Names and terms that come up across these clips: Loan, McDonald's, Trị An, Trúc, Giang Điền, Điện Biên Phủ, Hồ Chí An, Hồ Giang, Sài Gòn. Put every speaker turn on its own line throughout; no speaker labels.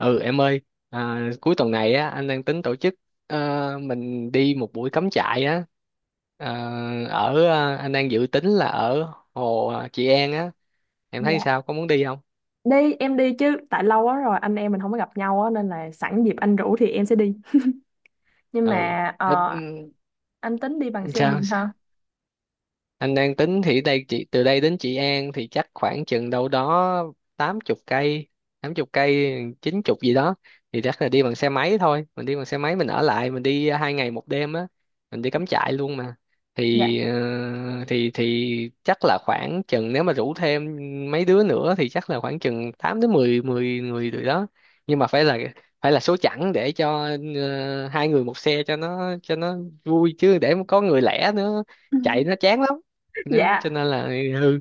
Ừ em ơi, à, cuối tuần này á anh đang tính tổ chức mình đi một buổi cắm trại á. Ờ, anh đang dự tính là ở hồ, à, Trị An á, em thấy
Dạ.
sao, có muốn đi không?
Đi em đi chứ tại lâu quá rồi anh em mình không có gặp nhau á, nên là sẵn dịp anh rủ thì em sẽ đi. Nhưng
Ừ.
mà
Đó, ừ,
anh tính đi bằng xe
sao
gì hả?
anh đang tính thì đây chị từ đây đến Trị An thì chắc khoảng chừng đâu đó 80 cây, tám chục cây 90 gì đó, thì chắc là đi bằng xe máy thôi, mình đi bằng xe máy, mình ở lại, mình đi 2 ngày 1 đêm á, mình đi cắm trại luôn mà.
Dạ.
Thì ờ, thì thì chắc là khoảng chừng nếu mà rủ thêm mấy đứa nữa thì chắc là khoảng chừng 8 đến 10 10 người rồi đó, nhưng mà phải là, phải là số chẵn để cho, hai người một xe cho nó, vui, chứ để có người lẻ nữa chạy nó chán lắm. Đó cho
Dạ.
nên là, ừ,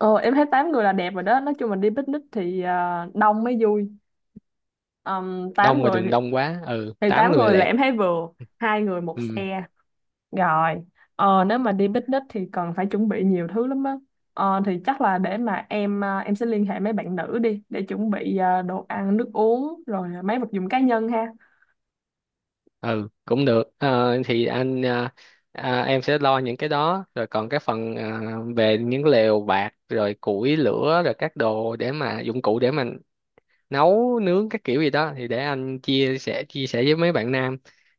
Ờ, em thấy 8 người là đẹp rồi đó, nói chung mình đi picnic thì đông mới vui. 8
đông mà
người thì
đừng đông quá, ừ tám
8
người là
người là
đẹp.
em thấy vừa, hai người một
Ừ,
xe. Rồi, nếu mà đi picnic thì cần phải chuẩn bị nhiều thứ lắm á. Ờ, thì chắc là để mà em sẽ liên hệ mấy bạn nữ đi để chuẩn bị đồ ăn, nước uống rồi mấy vật dụng cá nhân ha.
ừ cũng được. Ờ, thì anh, à, em sẽ lo những cái đó, rồi còn cái phần, à, về những lều bạt rồi củi lửa rồi các đồ để mà dụng cụ để mà nấu nướng các kiểu gì đó thì để anh chia sẻ với mấy bạn nam.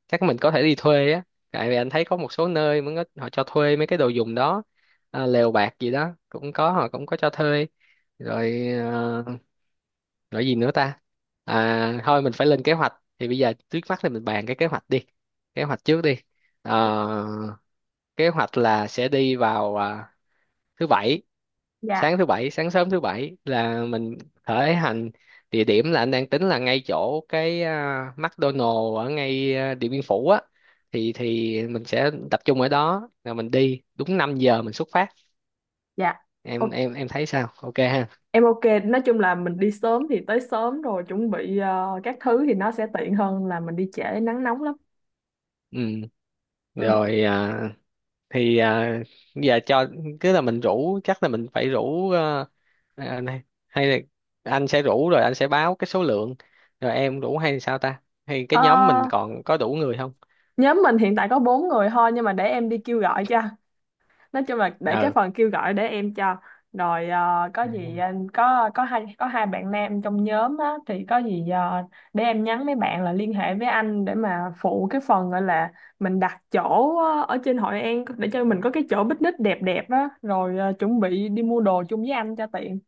Chắc mình có thể đi thuê á, tại vì anh thấy có một số nơi mới có, họ cho thuê mấy cái đồ dùng đó, à, lều bạt gì đó cũng có, họ cũng có cho thuê rồi. Ờ, Nói gì nữa ta? À, thôi mình phải lên kế hoạch. Thì bây giờ trước mắt thì mình bàn cái kế hoạch đi. Kế hoạch trước đi. Ờ, kế hoạch là sẽ đi vào, à, thứ bảy,
Dạ,
thứ bảy, sáng sớm thứ bảy là mình khởi hành. Địa điểm là anh đang tính là ngay chỗ cái, à, McDonald's ở ngay, à, Điện Biên Phủ á. Thì mình sẽ tập trung ở đó, là mình đi đúng 5 giờ mình xuất phát.
dạ.
Em
Ô,
em em thấy sao? Ok ha.
em ok, nói chung là mình đi sớm thì tới sớm rồi chuẩn bị các thứ thì nó sẽ tiện hơn là mình đi trễ nắng nóng lắm.
Ừ.
Ừ.
Rồi, à, thì, à, giờ cho cứ là mình rủ, chắc là mình phải rủ, à, này, hay là anh sẽ rủ rồi anh sẽ báo cái số lượng, rồi em rủ hay sao ta, hay cái
Ờ,
nhóm mình còn có đủ người không.
nhóm mình hiện tại có bốn người thôi, nhưng mà để em đi kêu gọi cho. Nói chung là để cái
Ừ.
phần kêu gọi để em cho. Rồi có gì anh có hai hai bạn nam trong nhóm á thì có gì để em nhắn mấy bạn là liên hệ với anh để mà phụ cái phần gọi là mình đặt chỗ ở trên Hội An để cho mình có cái chỗ picnic đẹp đẹp á, rồi chuẩn bị đi mua đồ chung với anh cho tiện.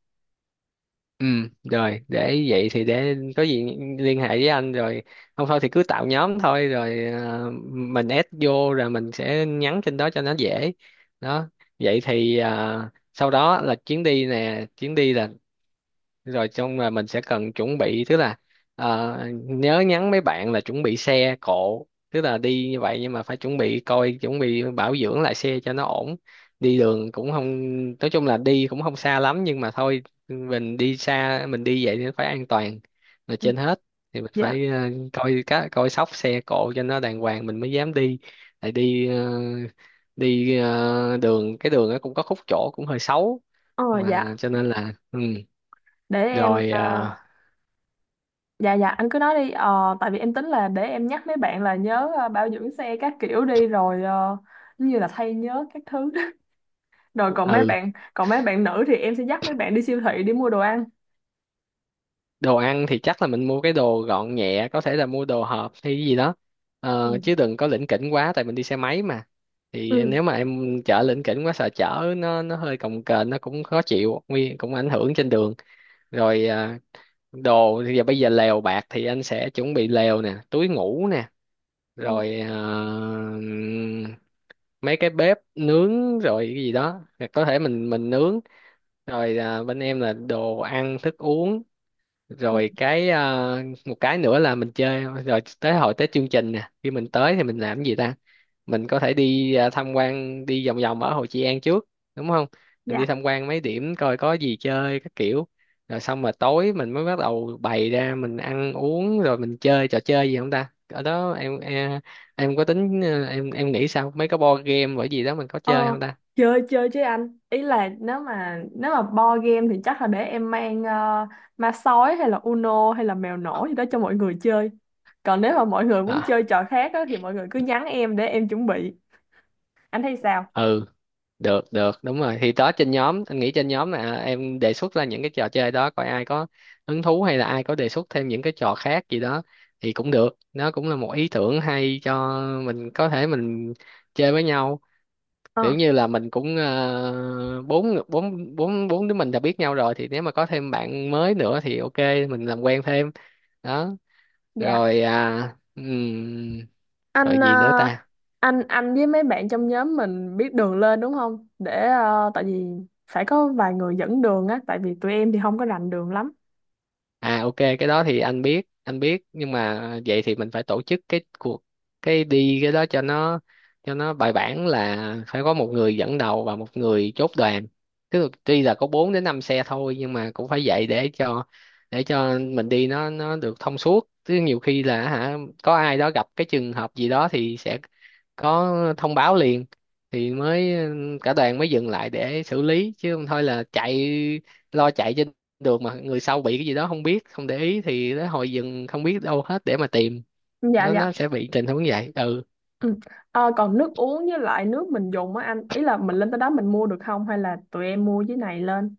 Ừ rồi, để vậy thì để có gì liên hệ với anh, rồi không thôi thì cứ tạo nhóm thôi rồi, mình add vô rồi mình sẽ nhắn trên đó cho nó dễ. Đó, vậy thì, à, sau đó là chuyến đi nè, chuyến đi là rồi trong là mình sẽ cần chuẩn bị, tức là, nhớ nhắn mấy bạn là chuẩn bị xe cộ, tức là đi như vậy nhưng mà phải chuẩn bị coi, chuẩn bị bảo dưỡng lại xe cho nó ổn. Đi đường cũng không, nói chung là đi cũng không xa lắm, nhưng mà thôi mình đi xa, mình đi vậy thì phải an toàn là trên hết. Thì mình
Dạ.
phải, coi cá coi sóc xe cộ cho nó đàng hoàng mình mới dám đi. Lại đi, đi, đường cái đường nó cũng có khúc chỗ cũng hơi xấu,
ờ
mà
dạ
cho nên là ừ.
để em
Rồi,
ờ,
à,
Dạ, dạ, anh cứ nói đi. Ờ, tại vì em tính là để em nhắc mấy bạn là nhớ bảo dưỡng xe các kiểu đi, rồi như là thay nhớ các thứ. Rồi
ừ,
còn mấy bạn nữ thì em sẽ dắt mấy bạn đi siêu thị đi mua đồ ăn.
đồ ăn thì chắc là mình mua cái đồ gọn nhẹ, có thể là mua đồ hộp hay cái gì đó.
ừ
Ờ, chứ đừng có lỉnh kỉnh quá tại mình đi xe máy mà, thì
ừ
nếu mà em chở lỉnh kỉnh quá sợ chở nó hơi cồng kềnh, nó cũng khó chịu, nguy cũng ảnh hưởng trên đường. Rồi, à, đồ thì giờ, bây giờ lều bạt thì anh sẽ chuẩn bị lều nè, túi ngủ nè,
ừ
rồi, à, mấy cái bếp nướng rồi cái gì đó, có thể mình nướng. Rồi, à, bên em là đồ ăn thức uống.
ừ.
Rồi cái, một cái nữa là mình chơi rồi tới hồi tới chương trình nè, khi mình tới thì mình làm cái gì ta. Mình có thể đi, tham quan đi vòng vòng ở Hồ Chí An trước, đúng không? Mình đi
Dạ.
tham quan mấy điểm coi có gì chơi các kiểu, rồi xong mà tối mình mới bắt đầu bày ra mình ăn uống, rồi mình chơi trò chơi gì không ta ở đó. Em có tính, em nghĩ sao mấy cái board game bởi gì đó mình có
Ờ,
chơi không ta.
chơi chơi chứ anh. Ý là nếu mà board game thì chắc là để em mang ma sói hay là Uno hay là mèo nổ gì đó cho mọi người chơi. Còn nếu mà mọi người muốn
À,
chơi trò khác á, thì mọi người cứ nhắn em để em chuẩn bị. Anh thấy sao?
ừ, được được đúng rồi, thì đó trên nhóm anh nghĩ, trên nhóm là em đề xuất ra những cái trò chơi đó, coi ai có hứng thú, hay là ai có đề xuất thêm những cái trò khác gì đó thì cũng được, nó cũng là một ý tưởng hay cho mình có thể chơi với nhau,
ờ
kiểu như là mình cũng, bốn bốn bốn bốn đứa mình đã biết nhau rồi, thì nếu mà có thêm bạn mới nữa thì ok, mình làm quen thêm. Đó,
dạ
rồi, à, rồi
anh ờ,
gì nữa ta.
anh với mấy bạn trong nhóm mình biết đường lên đúng không, để tại vì phải có vài người dẫn đường á, tại vì tụi em thì không có rành đường lắm.
À ok, cái đó thì anh biết nhưng mà vậy thì mình phải tổ chức cái cuộc, cái đi cái đó cho nó, bài bản là phải có một người dẫn đầu và một người chốt đoàn, tức là tuy là có 4 đến 5 xe thôi nhưng mà cũng phải vậy để cho, mình đi nó được thông suốt, chứ nhiều khi là hả, có ai đó gặp cái trường hợp gì đó thì sẽ có thông báo liền, thì mới cả đoàn mới dừng lại để xử lý, chứ không thôi là chạy lo chạy trên được, mà người sau bị cái gì đó không biết, không để ý thì nó hồi dừng không biết đâu hết để mà tìm,
Dạ,
nó
dạ.
sẽ bị tình huống vậy, ừ.
Ừ. Ờ, còn nước uống với lại nước mình dùng á anh, ý là mình lên tới đó mình mua được không, hay là tụi em mua dưới này lên,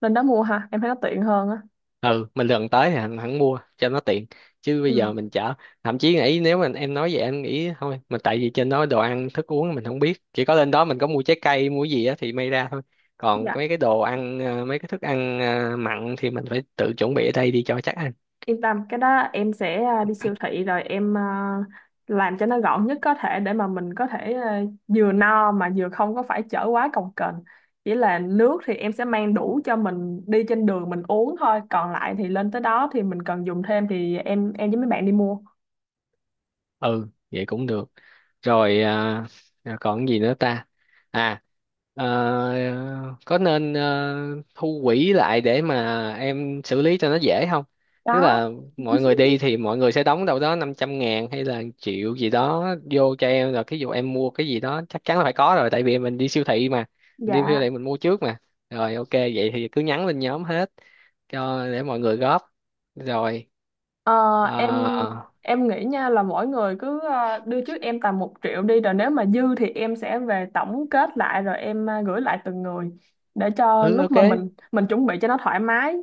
lên đó mua ha, em thấy nó tiện hơn á.
Ừ, mình lần tới thì hẳn hẳn mua cho nó tiện, chứ bây giờ
Ừ.
mình chở thậm chí nghĩ nếu mà em nói vậy em nghĩ thôi, mà tại vì trên đó đồ ăn thức uống mình không biết, chỉ có lên đó mình có mua trái cây mua gì á thì may ra thôi, còn
Dạ.
mấy cái đồ ăn, mấy cái thức ăn, mặn thì mình phải tự chuẩn bị ở đây đi cho chắc ăn.
Yên tâm, cái đó em sẽ đi siêu thị rồi làm cho nó gọn nhất có thể để mà mình có thể vừa no mà vừa không có phải chở quá cồng kềnh. Chỉ là nước thì em sẽ mang đủ cho mình đi trên đường mình uống thôi, còn lại thì lên tới đó thì mình cần dùng thêm thì em với mấy bạn đi mua.
Ừ vậy cũng được. Rồi, à, à, còn gì nữa ta. À, ờ, có nên, thu quỹ lại để mà em xử lý cho nó dễ không, tức
Đó,
là mọi người đi thì mọi người sẽ đóng đâu đó 500.000 hay là triệu gì đó vô cho em, là ví dụ em mua cái gì đó chắc chắn là phải có rồi tại vì mình đi siêu thị mà, mình đi siêu
dạ.
thị mình mua trước mà. Rồi ok, vậy thì cứ nhắn lên nhóm hết cho để mọi người góp. Rồi.
Ờ,
Ờ,
em em nghĩ nha là mỗi người cứ đưa trước em tầm một triệu đi, rồi nếu mà dư thì em sẽ về tổng kết lại rồi em gửi lại từng người để cho
ừ
lúc
ok,
mà mình chuẩn bị cho nó thoải mái,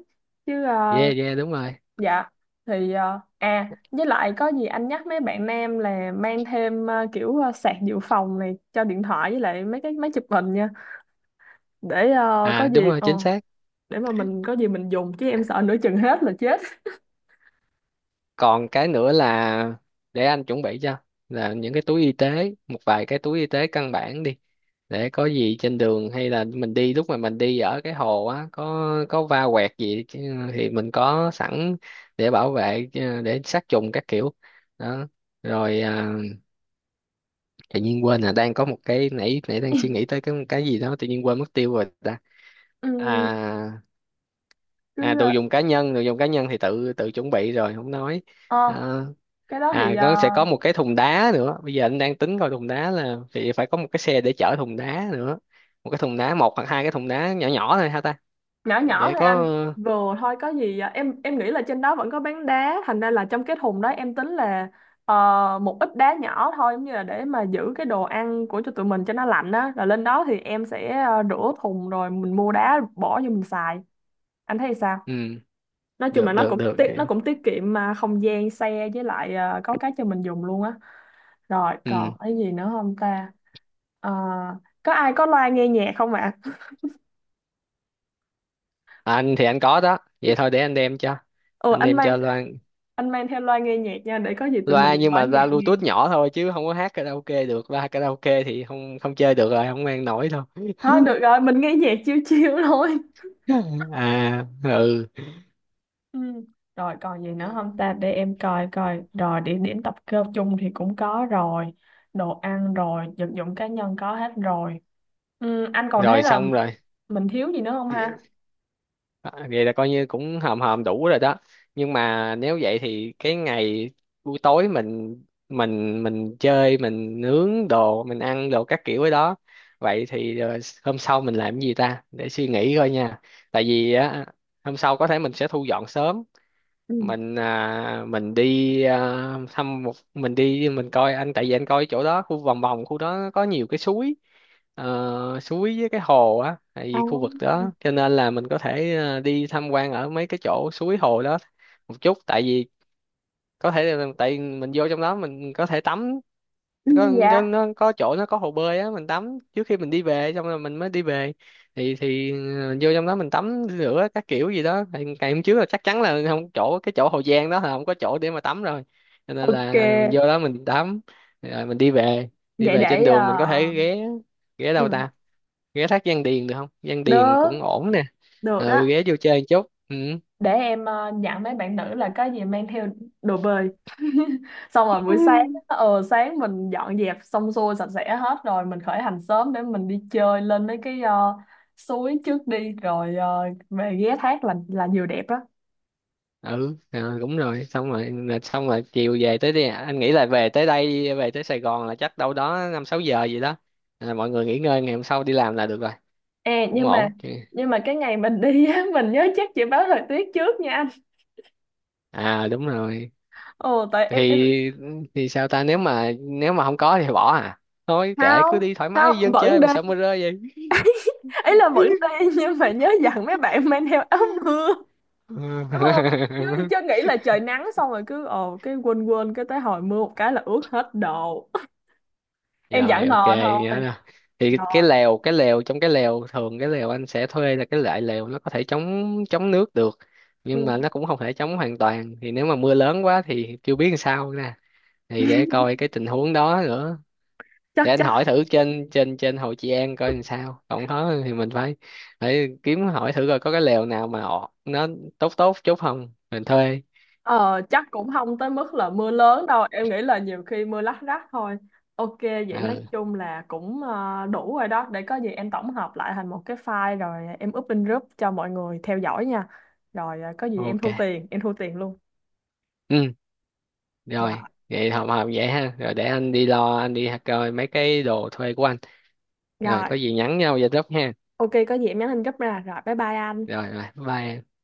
chứ
yeah
ờ,
yeah đúng rồi.
dạ. Thì với lại có gì anh nhắc mấy bạn nam là mang thêm kiểu sạc dự phòng này cho điện thoại với lại mấy cái máy chụp hình nha, để
À đúng rồi chính xác.
để mà mình có gì mình dùng, chứ em sợ nửa chừng hết là chết.
Còn cái nữa là để anh chuẩn bị cho, là những cái túi y tế, một vài cái túi y tế căn bản đi, để có gì trên đường hay là mình đi, lúc mà mình đi ở cái hồ á có va quẹt gì chứ, thì mình có sẵn để bảo vệ, để sát trùng các kiểu. Đó, rồi, à, tự nhiên quên là đang có một cái, nãy nãy đang suy nghĩ tới cái gì đó tự nhiên quên mất tiêu rồi ta.
Ừm,
À.
cứ
À, đồ
ờ,
dùng cá nhân, đồ dùng cá nhân thì tự tự chuẩn bị rồi không nói.
ờ, cái đó thì
À, nó sẽ có một cái thùng đá nữa, bây giờ anh đang tính coi thùng đá là thì phải có một cái xe để chở thùng đá nữa. Một cái thùng đá, một hoặc hai cái thùng đá nhỏ nhỏ thôi ha ta.
nhỏ nhỏ
Để
thôi anh,
có,
vừa thôi có gì à? Em nghĩ là trên đó vẫn có bán đá, thành ra là trong cái thùng đó em tính là ờ, một ít đá nhỏ thôi, giống như là để mà giữ cái đồ ăn của cho tụi mình cho nó lạnh á, rồi lên đó thì em sẽ rửa thùng rồi mình mua đá bỏ vô mình xài. Anh thấy sao?
ừ,
Nói chung là
được được được.
nó cũng tiết kiệm mà không gian xe với lại có cái cho mình dùng luôn á. Rồi còn
Ừ,
cái gì nữa không ta? Ờ, có ai có loa nghe nhạc không ạ?
à, anh thì anh có đó, vậy thôi để anh đem cho,
Ừ,
anh
anh
đem
mang,
cho Loan.
anh mang theo loa nghe nhạc nha để có gì tụi
Loa
mình
nhưng
mở
mà
nhạc
ra
nghe.
Bluetooth nhỏ thôi chứ không có hát karaoke được, loa karaoke thì không, không chơi được rồi, không mang nổi đâu.
Thôi được rồi mình nghe nhạc chiêu chiêu thôi.
à ừ,
Ừ. Rồi còn gì nữa không ta, để em coi coi. Rồi địa điểm tập cơ chung thì cũng có rồi, đồ ăn rồi vật dụng cá nhân có hết rồi. Ừ, anh còn
rồi
thấy là
xong rồi.
mình thiếu gì nữa không ha?
À, vậy là coi như cũng hòm hòm đủ rồi đó, nhưng mà nếu vậy thì cái ngày, buổi tối mình, mình chơi mình nướng đồ mình ăn đồ các kiểu ở đó, vậy thì, hôm sau mình làm cái gì ta để suy nghĩ coi nha, tại vì á hôm sau có thể mình sẽ thu dọn sớm,
Ừ.
mình, à, mình đi, à, thăm một mình đi mình coi, anh tại vì anh coi chỗ đó khu vòng vòng khu đó có nhiều cái suối, suối với cái hồ á, tại
À.
vì khu vực đó cho nên là mình có thể, à, đi tham quan ở mấy cái chỗ suối hồ đó một chút, tại vì có thể là tại mình vô trong đó mình có thể tắm,
Ừ,
có cho
dạ
nó có chỗ nó có hồ bơi á, mình tắm trước khi mình đi về xong rồi mình mới đi về. Thì mình vô trong đó mình tắm rửa các kiểu gì đó, thì ngày hôm trước là chắc chắn là không chỗ cái chỗ Hồ Giang đó là không có chỗ để mà tắm rồi, cho nên
ok.
là mình vô đó mình tắm rồi mình đi về. Đi
Vậy
về trên
để
đường mình có thể ghé, ghé đâu
ừ.
ta, ghé thác Giang Điền được không, Giang Điền
Đớ
cũng ổn nè.
được
Ừ
á,
ghé vô chơi một chút, ừ
để em dặn mấy bạn nữ là có gì mang theo đồ bơi. Xong rồi buổi sáng, sáng mình dọn dẹp xong xuôi sạch sẽ hết rồi mình khởi hành sớm để mình đi chơi lên mấy cái suối trước đi, rồi về ghé thác là nhiều đẹp đó.
ừ, à, đúng rồi xong rồi, là xong rồi chiều về tới đây, anh nghĩ là về tới đây về tới Sài Gòn là chắc đâu đó 5-6 giờ gì đó, là mọi người nghỉ ngơi ngày hôm sau đi làm là được rồi,
Ê,
cũng
nhưng mà
ổn chứ.
nhưng mà cái ngày mình đi á, mình nhớ chắc chị báo thời tiết trước nha anh.
À đúng rồi.
Ồ tại em
Thì thì sao ta, nếu mà không có thì bỏ à, thôi kệ cứ
Không,
đi thoải
không,
mái, dân
vẫn
chơi
đi,
mà sợ mưa rơi vậy.
ý là vẫn đi, nhưng mà nhớ dặn mấy bạn mang theo áo mưa đúng không? Chứ chứ nghĩ là trời nắng xong rồi cứ ồ cái quên quên cái tới hồi mưa một cái là ướt hết đồ. Em
rồi
giảng
ok,
hò
nhớ
thôi.
nè, thì
Dạ.
cái lèo, cái lèo trong cái lèo thường, cái lèo anh sẽ thuê là cái loại lèo nó có thể chống chống nước được, nhưng mà
Ừ.
nó cũng không thể chống hoàn toàn, thì nếu mà mưa lớn quá thì chưa biết làm sao nè, thì để coi cái tình huống đó nữa.
chắc
Để anh hỏi
Chắc
thử trên trên trên Hồ Chí An coi làm sao, còn đó thì mình phải, kiếm hỏi thử coi có cái lèo nào mà nó tốt tốt chút không mình thuê.
ờ, chắc cũng không tới mức là mưa lớn đâu, em nghĩ là nhiều khi mưa lác đác thôi. Ok, vậy nói
Ừ
chung là cũng đủ rồi đó, để có gì em tổng hợp lại thành một cái file rồi em up in group cho mọi người theo dõi nha. Rồi có gì
ok.
em thu tiền luôn.
Ừ, rồi
Dạ.
vậy học học vậy ha, rồi để anh đi lo, anh đi coi mấy cái đồ thuê của anh. Rồi
Rồi
có gì nhắn nhau vậy Trúc ha.
ok, có gì em nhắn tin group ra, rồi bye bye anh.
Rồi rồi bye em.